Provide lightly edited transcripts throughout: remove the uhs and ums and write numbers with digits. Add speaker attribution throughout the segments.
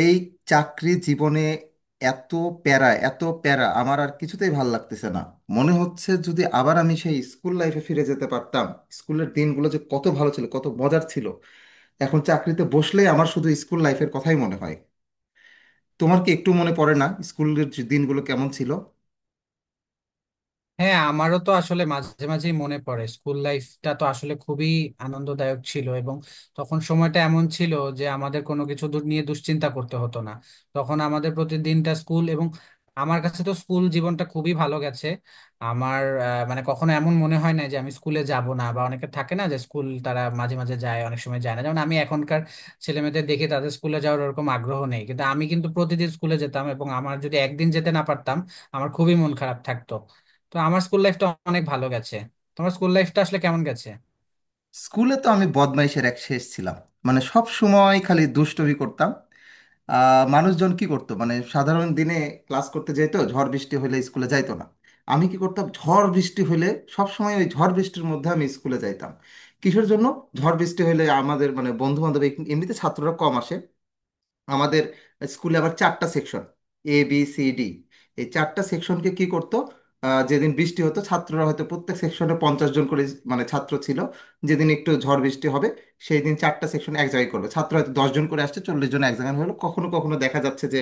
Speaker 1: এই চাকরি জীবনে এত প্যারা এত প্যারা আমার আর কিছুতেই ভাল লাগতেছে না। মনে হচ্ছে যদি আবার আমি সেই স্কুল লাইফে ফিরে যেতে পারতাম। স্কুলের দিনগুলো যে কত ভালো ছিল, কত মজার ছিল। এখন চাকরিতে বসলেই আমার শুধু স্কুল লাইফের কথাই মনে হয়। তোমার কি একটু মনে পড়ে না স্কুলের যে দিনগুলো কেমন ছিল?
Speaker 2: হ্যাঁ, আমারও তো আসলে মাঝে মাঝেই মনে পড়ে। স্কুল লাইফটা তো আসলে খুবই আনন্দদায়ক ছিল, এবং তখন সময়টা এমন ছিল যে আমাদের কোনো কিছু দূর নিয়ে দুশ্চিন্তা করতে হতো না। তখন আমাদের প্রতিদিনটা স্কুল, এবং আমার কাছে তো স্কুল জীবনটা খুবই ভালো গেছে। আমার মানে কখনো এমন মনে হয় না যে আমি স্কুলে যাব না, বা অনেকে থাকে না যে স্কুল তারা মাঝে মাঝে যায়, অনেক সময় যায় না। যেমন আমি এখনকার ছেলেমেয়েদের দেখি তাদের স্কুলে যাওয়ার ওরকম আগ্রহ নেই, কিন্তু আমি কিন্তু প্রতিদিন স্কুলে যেতাম, এবং আমার যদি একদিন যেতে না পারতাম আমার খুবই মন খারাপ থাকতো। তো আমার স্কুল লাইফটা অনেক ভালো গেছে। তোমার স্কুল লাইফটা আসলে কেমন গেছে?
Speaker 1: স্কুলে তো আমি বদমাইশের এক শেষ ছিলাম। মানে সব সময় খালি দুষ্টুমি করতাম। মানুষজন কি করতো, মানে সাধারণ দিনে ক্লাস করতে যেত, ঝড় বৃষ্টি হলে স্কুলে যাইতো না। আমি কি করতাম ঝড় বৃষ্টি হলে? সব সময় ওই ঝড় বৃষ্টির মধ্যে আমি স্কুলে যাইতাম। কিসের জন্য? ঝড় বৃষ্টি হলে আমাদের মানে বন্ধু বান্ধব, এমনিতে ছাত্ররা কম আসে। আমাদের স্কুলে আবার চারটা সেকশন, ABCD। এই চারটা সেকশনকে কি করতো, যেদিন বৃষ্টি হতো, ছাত্ররা হয়তো প্রত্যেক সেকশনে 50 জন করে মানে ছাত্র ছিল। যেদিন একটু ঝড় বৃষ্টি হবে সেই দিন চারটা সেকশন এক জায়গায় করবে, ছাত্র হয়তো 10 জন করে আসছে, 40 জন এক জায়গায় হলো। কখনো কখনো দেখা যাচ্ছে যে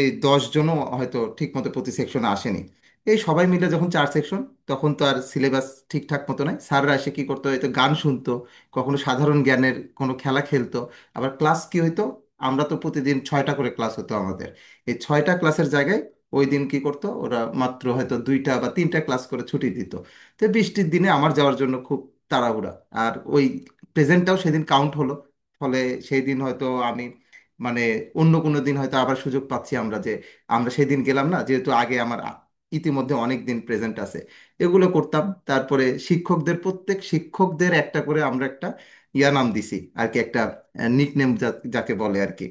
Speaker 1: এই 10 জনও হয়তো ঠিকমতো প্রতি সেকশনে আসেনি। এই সবাই মিলে যখন চার সেকশন, তখন তো আর সিলেবাস ঠিকঠাক মতো নাই। স্যাররা এসে কী করতো, হয়তো গান শুনতো, কখনো সাধারণ জ্ঞানের কোনো খেলা খেলতো। আবার ক্লাস কি হইতো, আমরা তো প্রতিদিন ছয়টা করে ক্লাস হতো আমাদের। এই ছয়টা ক্লাসের জায়গায় ওই দিন কি করতো, ওরা মাত্র হয়তো দুইটা বা তিনটা ক্লাস করে ছুটি দিত। তো বৃষ্টির দিনে আমার যাওয়ার জন্য খুব তাড়াহুড়া। আর ওই প্রেজেন্টটাও সেদিন কাউন্ট হলো। ফলে সেই দিন হয়তো আমি মানে অন্য কোনো দিন হয়তো আবার সুযোগ পাচ্ছি আমরা, যে আমরা সেদিন গেলাম না, যেহেতু আগে আমার ইতিমধ্যে অনেক দিন প্রেজেন্ট আছে। এগুলো করতাম। তারপরে শিক্ষকদের প্রত্যেক শিক্ষকদের একটা করে আমরা একটা নাম দিছি আর কি, একটা নিকনেম যাকে বলে আর কি।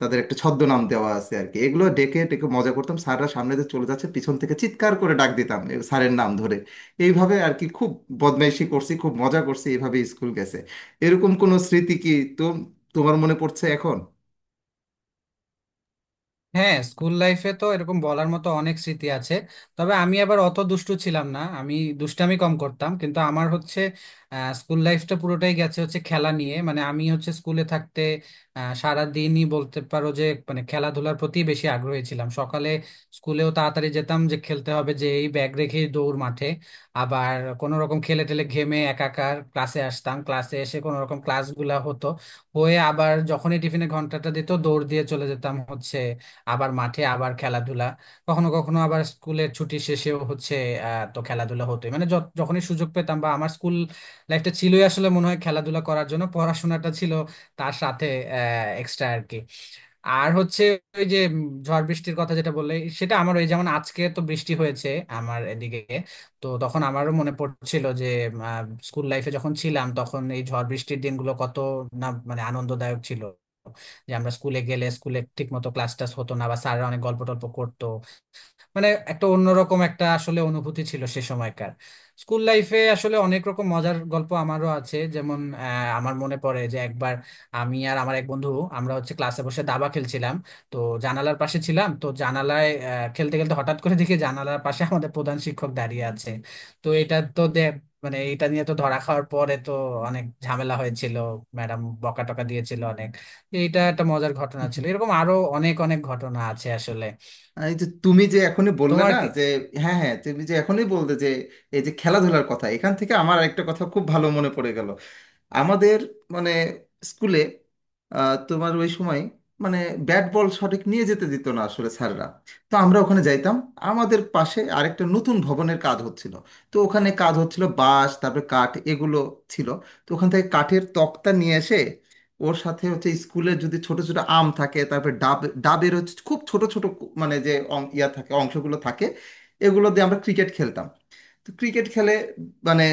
Speaker 1: তাদের একটা ছদ্মনাম দেওয়া আছে আর কি, এগুলো ডেকে ডেকে মজা করতাম। স্যাররা সামনে দিয়ে চলে যাচ্ছে, পিছন থেকে চিৎকার করে ডাক দিতাম এ স্যারের নাম ধরে। এইভাবে আর কি খুব বদমাইশি করছি, খুব মজা করছি, এইভাবে স্কুল গেছে। এরকম কোনো স্মৃতি কি তো তোমার মনে পড়ছে এখন?
Speaker 2: হ্যাঁ, স্কুল লাইফে তো এরকম বলার মতো অনেক স্মৃতি আছে। তবে আমি আবার অত দুষ্টু ছিলাম না, আমি দুষ্টামি কম করতাম। কিন্তু আমার হচ্ছে স্কুল লাইফটা পুরোটাই গেছে হচ্ছে খেলা নিয়ে। মানে আমি হচ্ছে স্কুলে থাকতে সারা দিনই বলতে পারো যে মানে খেলাধুলার প্রতি বেশি আগ্রহী ছিলাম। সকালে স্কুলেও তাড়াতাড়ি যেতাম যে খেলতে হবে, যে এই ব্যাগ রেখে দৌড় মাঠে। আবার কোনো রকম খেলে টেলে ঘেমে একাকার ক্লাসে আসতাম, ক্লাসে এসে কোনো রকম ক্লাসগুলা হতো। হয়ে আবার যখনই টিফিনে ঘন্টাটা দিত, দৌড় দিয়ে চলে যেতাম হচ্ছে আবার মাঠে, আবার খেলাধুলা। কখনো কখনো আবার স্কুলের ছুটি শেষেও হচ্ছে তো খেলাধুলা হতোই। মানে যখনই সুযোগ পেতাম, বা আমার স্কুল লাইফটা ছিলই আসলে মনে হয় খেলাধুলা করার জন্য, পড়াশোনাটা ছিল তার সাথে এক্সট্রা আর কি। আর হচ্ছে ওই যে ঝড় বৃষ্টির কথা যেটা বললে, সেটা আমার ওই যেমন আজকে তো বৃষ্টি হয়েছে আমার এদিকে, তো তখন আমারও মনে পড়ছিল যে স্কুল লাইফে যখন ছিলাম তখন এই ঝড় বৃষ্টির দিনগুলো কত না মানে আনন্দদায়ক ছিল। যে আমরা স্কুলে গেলে স্কুলে ঠিক মতো ক্লাস টাস হতো না, বা স্যাররা অনেক গল্প টল্প করতো। মানে একটা অন্যরকম একটা আসলে অনুভূতি ছিল সে সময়কার। স্কুল লাইফে আসলে অনেক রকম মজার গল্প আমারও আছে, যেমন আমার মনে পড়ে যে একবার আমি আর আমার এক বন্ধু, আমরা হচ্ছে ক্লাসে বসে দাবা খেলছিলাম। তো জানালার পাশে ছিলাম, তো জানালায় খেলতে খেলতে হঠাৎ করে দেখি জানালার পাশে আমাদের প্রধান শিক্ষক দাঁড়িয়ে আছে। তো এটা তো মানে এটা নিয়ে তো ধরা খাওয়ার পরে তো অনেক ঝামেলা হয়েছিল, ম্যাডাম বকা টকা দিয়েছিল অনেক। এইটা একটা মজার ঘটনা ছিল, এরকম আরো অনেক অনেক ঘটনা আছে আসলে।
Speaker 1: এই যে তুমি যে এখনই বললে
Speaker 2: তোমার
Speaker 1: না
Speaker 2: কি-
Speaker 1: যে, হ্যাঁ হ্যাঁ, তুমি যে এখনই বললে যে এই যে খেলাধুলার কথা, এখান থেকে আমার আরেকটা কথা খুব ভালো মনে পড়ে গেল। আমাদের মানে স্কুলে তোমার ওই সময় মানে ব্যাট বল সঠিক নিয়ে যেতে দিত না আসলে স্যাররা। তো আমরা ওখানে যাইতাম। আমাদের পাশে আরেকটা নতুন ভবনের কাজ হচ্ছিল। তো ওখানে কাজ হচ্ছিল, বাঁশ তারপরে কাঠ এগুলো ছিল। তো ওখান থেকে কাঠের তক্তা নিয়ে এসে ওর সাথে হচ্ছে স্কুলের যদি ছোট ছোট আম থাকে, তারপরে ডাব, ডাবের হচ্ছে খুব ছোট ছোট মানে যে অং- ইয়া থাকে অংশগুলো থাকে, এগুলো দিয়ে আমরা ক্রিকেট খেলতাম। তো ক্রিকেট খেলে মানে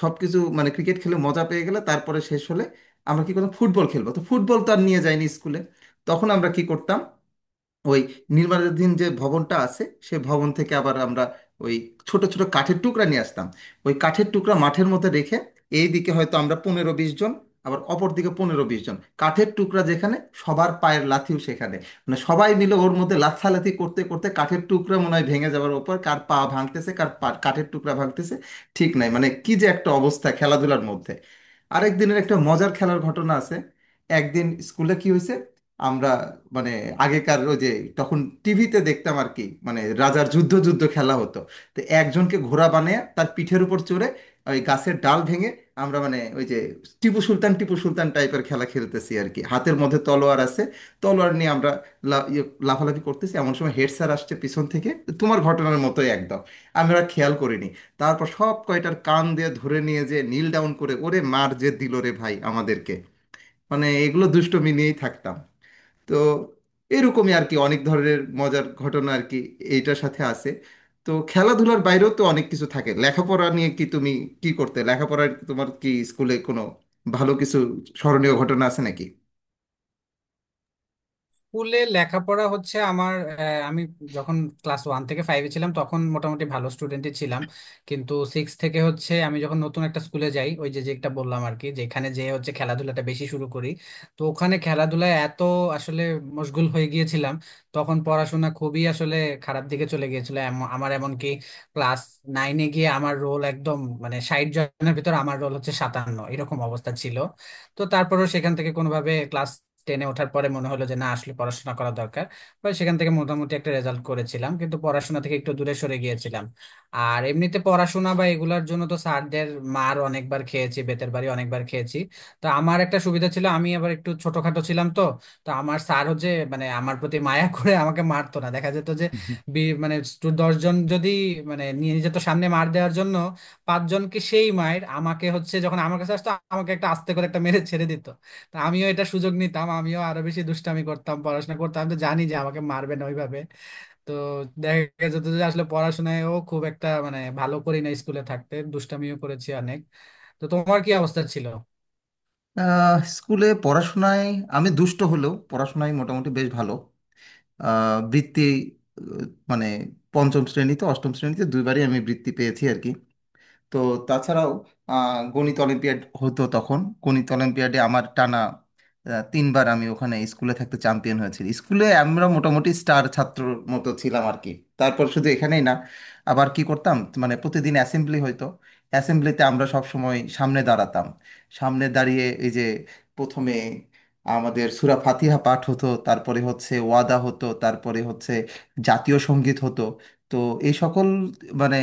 Speaker 1: সবকিছু মানে ক্রিকেট খেলে মজা পেয়ে গেলে, তারপরে শেষ হলে আমরা কি করতাম, ফুটবল খেলবো, তো ফুটবল তো আর নিয়ে যাইনি স্কুলে। তখন আমরা কি করতাম, ওই নির্মাণাধীন যে ভবনটা আছে সেই ভবন থেকে আবার আমরা ওই ছোট ছোট কাঠের টুকরা নিয়ে আসতাম। ওই কাঠের টুকরা মাঠের মধ্যে রেখে, এই দিকে হয়তো আমরা 15-20 জন, আবার অপর দিকে 15-20 জন। কাঠের টুকরা যেখানে সবার পায়ের লাথিও সেখানে, মানে সবাই মিলে ওর মধ্যে লাথালাথি করতে করতে কাঠের টুকরা মনে হয় ভেঙে যাওয়ার ওপর, কার পা ভাঙতেছে, কাঠের টুকরা ভাঙতেছে ঠিক নাই, মানে কি যে একটা অবস্থা খেলাধুলার মধ্যে। আরেক দিনের একটা মজার খেলার ঘটনা আছে। একদিন স্কুলে কি হয়েছে, আমরা মানে আগেকার ওই যে তখন টিভিতে দেখতাম আর কি, মানে রাজার যুদ্ধ যুদ্ধ খেলা হতো। তো একজনকে ঘোড়া বানিয়ে তার পিঠের উপর চড়ে ওই গাছের ডাল ভেঙে আমরা মানে ওই যে টিপু সুলতান টিপু সুলতান টাইপের খেলা খেলতেছি আর কি, হাতের মধ্যে তলোয়ার আছে। তলোয়ার নিয়ে আমরা লা- ইয়ে, লাফালাফি করতেছি, এমন সময় হেড স্যার আসছে পিছন থেকে। তোমার ঘটনার মতোই একদম, আমরা খেয়াল করিনি। তারপর সব কয়টার কান দিয়ে ধরে নিয়ে যে নীল ডাউন করে ওরে মার যে দিল রে ভাই আমাদেরকে! মানে এগুলো দুষ্টুমি নিয়েই থাকতাম। তো এরকমই আর কি অনেক ধরনের মজার ঘটনা আর কি এইটার সাথে আছে। তো খেলাধুলার বাইরেও তো অনেক কিছু থাকে, লেখাপড়া নিয়ে কি তুমি কি করতে লেখাপড়ার, তোমার কি স্কুলে কোনো ভালো কিছু স্মরণীয় ঘটনা আছে নাকি?
Speaker 2: স্কুলে লেখাপড়া হচ্ছে আমার, আমি যখন ক্লাস 1 থেকে 5-এ ছিলাম তখন মোটামুটি ভালো স্টুডেন্টই ছিলাম। কিন্তু 6 থেকে হচ্ছে আমি যখন নতুন একটা স্কুলে যাই, ওই যে যেটা বললাম আর কি, যেখানে যে হচ্ছে খেলাধুলাটা বেশি শুরু করি। তো ওখানে খেলাধুলায় এত আসলে মশগুল হয়ে গিয়েছিলাম, তখন পড়াশোনা খুবই আসলে খারাপ দিকে চলে গিয়েছিল। আমার এমনকি ক্লাস 9-এ গিয়ে আমার রোল একদম মানে 60 জনের ভিতর আমার রোল হচ্ছে 57, এরকম অবস্থা ছিল। তো তারপরেও সেখান থেকে কোনোভাবে ক্লাস 10-এ ওঠার পরে মনে হলো যে না আসলে পড়াশোনা করা দরকার। তো সেখান থেকে মোটামুটি একটা রেজাল্ট করেছিলাম, কিন্তু পড়াশোনা থেকে একটু দূরে সরে গিয়েছিলাম। আর এমনিতে পড়াশোনা বা এগুলার জন্য তো স্যারদের মার অনেকবার খেয়েছি, বেতের বাড়ি অনেকবার খেয়েছি। তো আমার একটা সুবিধা ছিল, আমি আবার একটু ছোটখাটো ছিলাম, তো তো আমার স্যার হচ্ছে মানে আমার প্রতি মায়া করে আমাকে মারতো না। দেখা যেত যে মানে দশজন যদি মানে নিয়ে যেত সামনে মার দেওয়ার জন্য, পাঁচজনকে সেই মায়ের, আমাকে হচ্ছে যখন আমার কাছে আসতো আমাকে একটা আস্তে করে একটা মেরে ছেড়ে দিত। তা আমিও এটা সুযোগ নিতাম, আমিও আরো বেশি দুষ্টামি করতাম, পড়াশোনা করতাম, আমি তো জানি যে আমাকে মারবে না ওইভাবে। তো দেখা যেত যে আসলে পড়াশোনায়ও খুব একটা মানে ভালো করি না, স্কুলে থাকতে দুষ্টামিও করেছি অনেক। তো তোমার কি অবস্থা ছিল?
Speaker 1: স্কুলে পড়াশোনায় আমি দুষ্ট হলেও পড়াশোনায় মোটামুটি বেশ ভালো। আহ, বৃত্তি আহ, মানে পঞ্চম শ্রেণীতে অষ্টম শ্রেণীতে দুইবারই আমি বৃত্তি পেয়েছি আর কি। তো তাছাড়াও গণিত অলিম্পিয়াড হতো তখন। গণিত অলিম্পিয়াডে আমার টানা তিনবার আমি ওখানে স্কুলে থাকতে চ্যাম্পিয়ন হয়েছি। স্কুলে আমরা মোটামুটি স্টার ছাত্রর মতো ছিলাম আর কি। তারপর শুধু এখানেই না, আবার কি করতাম মানে প্রতিদিন অ্যাসেম্বলি হইতো। অ্যাসেম্বলিতে আমরা সব সময় সামনে দাঁড়াতাম। সামনে দাঁড়িয়ে এই যে প্রথমে আমাদের সুরা ফাতিহা পাঠ হতো, তারপরে হচ্ছে ওয়াদা হতো, তারপরে হচ্ছে জাতীয় সঙ্গীত হতো। তো এই সকল মানে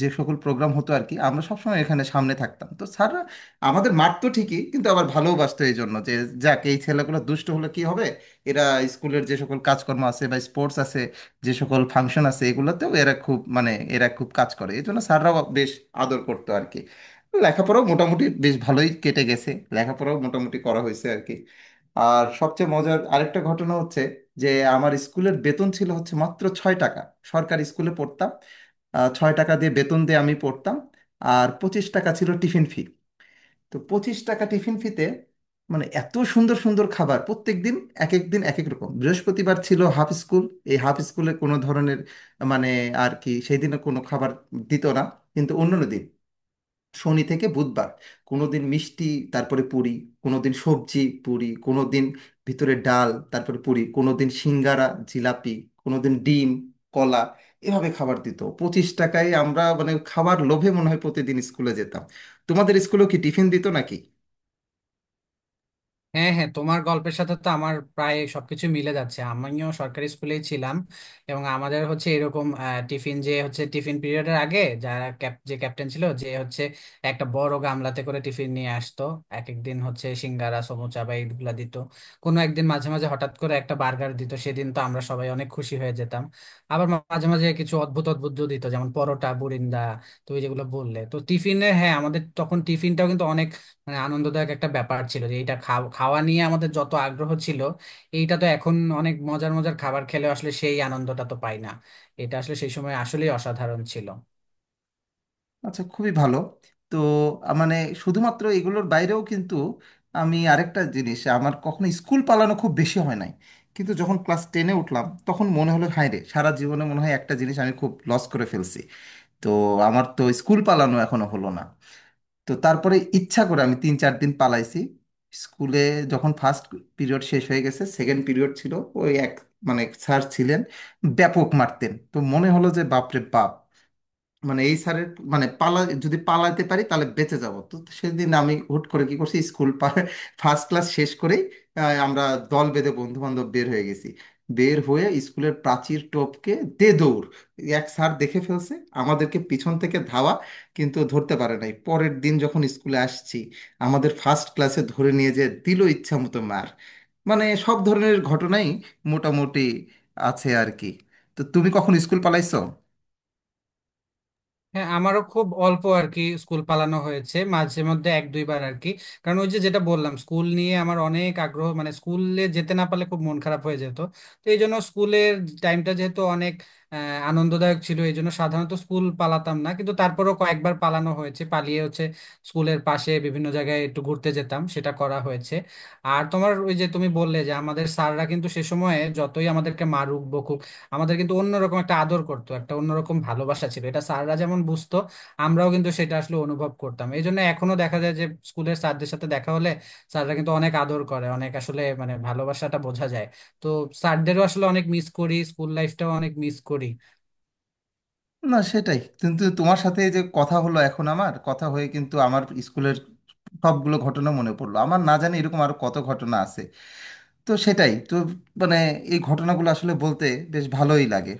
Speaker 1: যে সকল প্রোগ্রাম হতো আর কি, আমরা সবসময় এখানে সামনে থাকতাম। তো স্যাররা আমাদের মারতো ঠিকই, কিন্তু আবার ভালোবাসতো এই জন্য যে যাক এই ছেলেগুলো দুষ্ট হলে কি হবে, এরা স্কুলের যে সকল কাজকর্ম আছে বা স্পোর্টস আছে যে সকল ফাংশন আছে এগুলোতেও এরা খুব মানে এরা খুব কাজ করে, এই জন্য স্যাররাও বেশ আদর করতো আর কি। লেখাপড়াও মোটামুটি বেশ ভালোই কেটে গেছে। লেখাপড়াও মোটামুটি করা হয়েছে আর কি। আর সবচেয়ে মজার আরেকটা ঘটনা হচ্ছে যে আমার স্কুলের বেতন ছিল হচ্ছে মাত্র 6 টাকা। সরকারি স্কুলে পড়তাম। 6 টাকা দিয়ে বেতন দিয়ে আমি পড়তাম। আর 25 টাকা ছিল টিফিন ফি। তো 25 টাকা টিফিন ফিতে মানে এত সুন্দর সুন্দর খাবার প্রত্যেক দিন। এক এক দিন এক এক রকম। বৃহস্পতিবার ছিল হাফ স্কুল। এই হাফ স্কুলে কোনো ধরনের মানে আর কি সেই দিনে কোনো খাবার দিত না। কিন্তু অন্যান্য দিন, শনি থেকে বুধবার, কোনোদিন মিষ্টি, তারপরে পুরি, কোনোদিন সবজি পুরি, কোনোদিন ভিতরে ডাল তারপরে পুরি, কোনোদিন সিঙ্গারা জিলাপি, কোনোদিন ডিম, কলা, এভাবে খাবার দিত। 25 টাকায় আমরা মানে খাবার লোভে মনে হয় প্রতিদিন স্কুলে যেতাম। তোমাদের স্কুলেও কি টিফিন দিত নাকি?
Speaker 2: হ্যাঁ, হ্যাঁ, তোমার গল্পের সাথে তো আমার প্রায় সবকিছু মিলে যাচ্ছে। আমিও সরকারি স্কুলেই ছিলাম, এবং আমাদের হচ্ছে এরকম টিফিন যে হচ্ছে টিফিন পিরিয়ডের আগে যারা যে ক্যাপ্টেন ছিল, যে হচ্ছে একটা বড় গামলাতে করে টিফিন নিয়ে আসতো। এক একদিন হচ্ছে সিঙ্গারা সমুচা বা এইগুলা দিত। কোনো একদিন মাঝে মাঝে হঠাৎ করে একটা বার্গার দিত, সেদিন তো আমরা সবাই অনেক খুশি হয়ে যেতাম। আবার মাঝে মাঝে কিছু অদ্ভুত অদ্ভুত দিত যেমন পরোটা বুরিন্দা। তুমি যেগুলো বললে তো টিফিনে, হ্যাঁ, আমাদের তখন টিফিনটাও কিন্তু মানে আনন্দদায়ক একটা ব্যাপার ছিল। যে এটা খাওয়া নিয়ে আমাদের যত আগ্রহ ছিল এইটা তো এখন অনেক মজার মজার খাবার খেলে আসলে সেই আনন্দটা তো পাই না। এটা আসলে সেই সময় আসলেই অসাধারণ ছিল।
Speaker 1: আচ্ছা, খুবই ভালো। তো মানে শুধুমাত্র এগুলোর বাইরেও কিন্তু আমি আরেকটা জিনিস, আমার কখনো স্কুল পালানো খুব বেশি হয় নাই। কিন্তু যখন ক্লাস টেনে উঠলাম তখন মনে হলো, হায় রে, সারা জীবনে মনে হয় একটা জিনিস আমি খুব লস করে ফেলছি। তো আমার তো স্কুল পালানো এখনো হলো না। তো তারপরে ইচ্ছা করে আমি 3-4 দিন পালাইছি স্কুলে। যখন ফার্স্ট পিরিয়ড শেষ হয়ে গেছে, সেকেন্ড পিরিয়ড ছিল ওই এক মানে স্যার ছিলেন ব্যাপক মারতেন, তো মনে হলো যে বাপরে বাপ, মানে এই স্যারের মানে পালা, যদি পালাতে পারি তাহলে বেঁচে যাব। তো সেদিন আমি হুট করে কি করছি, স্কুল ফার্স্ট ক্লাস শেষ করেই আমরা দল বেঁধে বন্ধু বান্ধব বের হয়ে গেছি। বের হয়ে স্কুলের প্রাচীর টপকে দে দৌড়। এক স্যার দেখে ফেলছে, আমাদেরকে পিছন থেকে ধাওয়া, কিন্তু ধরতে পারে নাই। পরের দিন যখন স্কুলে আসছি, আমাদের ফার্স্ট ক্লাসে ধরে নিয়ে যেয়ে দিল ইচ্ছা মতো মার। মানে সব ধরনের ঘটনাই মোটামুটি আছে আর কি। তো তুমি কখন স্কুল পালাইছো?
Speaker 2: হ্যাঁ, আমারও খুব অল্প আর কি স্কুল পালানো হয়েছে, মাঝে মধ্যে এক দুইবার আর কি। কারণ ওই যে যেটা বললাম, স্কুল নিয়ে আমার অনেক আগ্রহ, মানে স্কুলে যেতে না পারলে খুব মন খারাপ হয়ে যেত। তো এই জন্য স্কুলের টাইমটা যেহেতু অনেক আহ, আনন্দদায়ক ছিল, এই জন্য সাধারণত স্কুল পালাতাম না। কিন্তু তারপরেও কয়েকবার পালানো হয়েছে, পালিয়ে হচ্ছে স্কুলের পাশে বিভিন্ন জায়গায় একটু ঘুরতে যেতাম, সেটা করা হয়েছে। আর তোমার ওই যে তুমি বললে যে আমাদের স্যাররা কিন্তু সে সময়ে যতই আমাদেরকে মারুক বকুক, আমাদের কিন্তু অন্যরকম একটা আদর করতো, একটা অন্যরকম ভালোবাসা ছিল। এটা স্যাররা যেমন বুঝতো, আমরাও কিন্তু সেটা আসলে অনুভব করতাম। এই জন্য এখনো দেখা যায় যে স্কুলের স্যারদের সাথে দেখা হলে স্যাররা কিন্তু অনেক আদর করে, অনেক আসলে মানে ভালোবাসাটা বোঝা যায়। তো স্যারদেরও আসলে অনেক মিস করি, স্কুল লাইফটাও অনেক মিস করি।
Speaker 1: না, সেটাই। কিন্তু তোমার সাথে এই যে কথা হলো এখন আমার কথা হয়ে, কিন্তু আমার স্কুলের সবগুলো ঘটনা মনে পড়লো, আমার না জানি এরকম আরো কত ঘটনা আছে। তো সেটাই তো মানে এই ঘটনাগুলো আসলে বলতে বেশ ভালোই লাগে।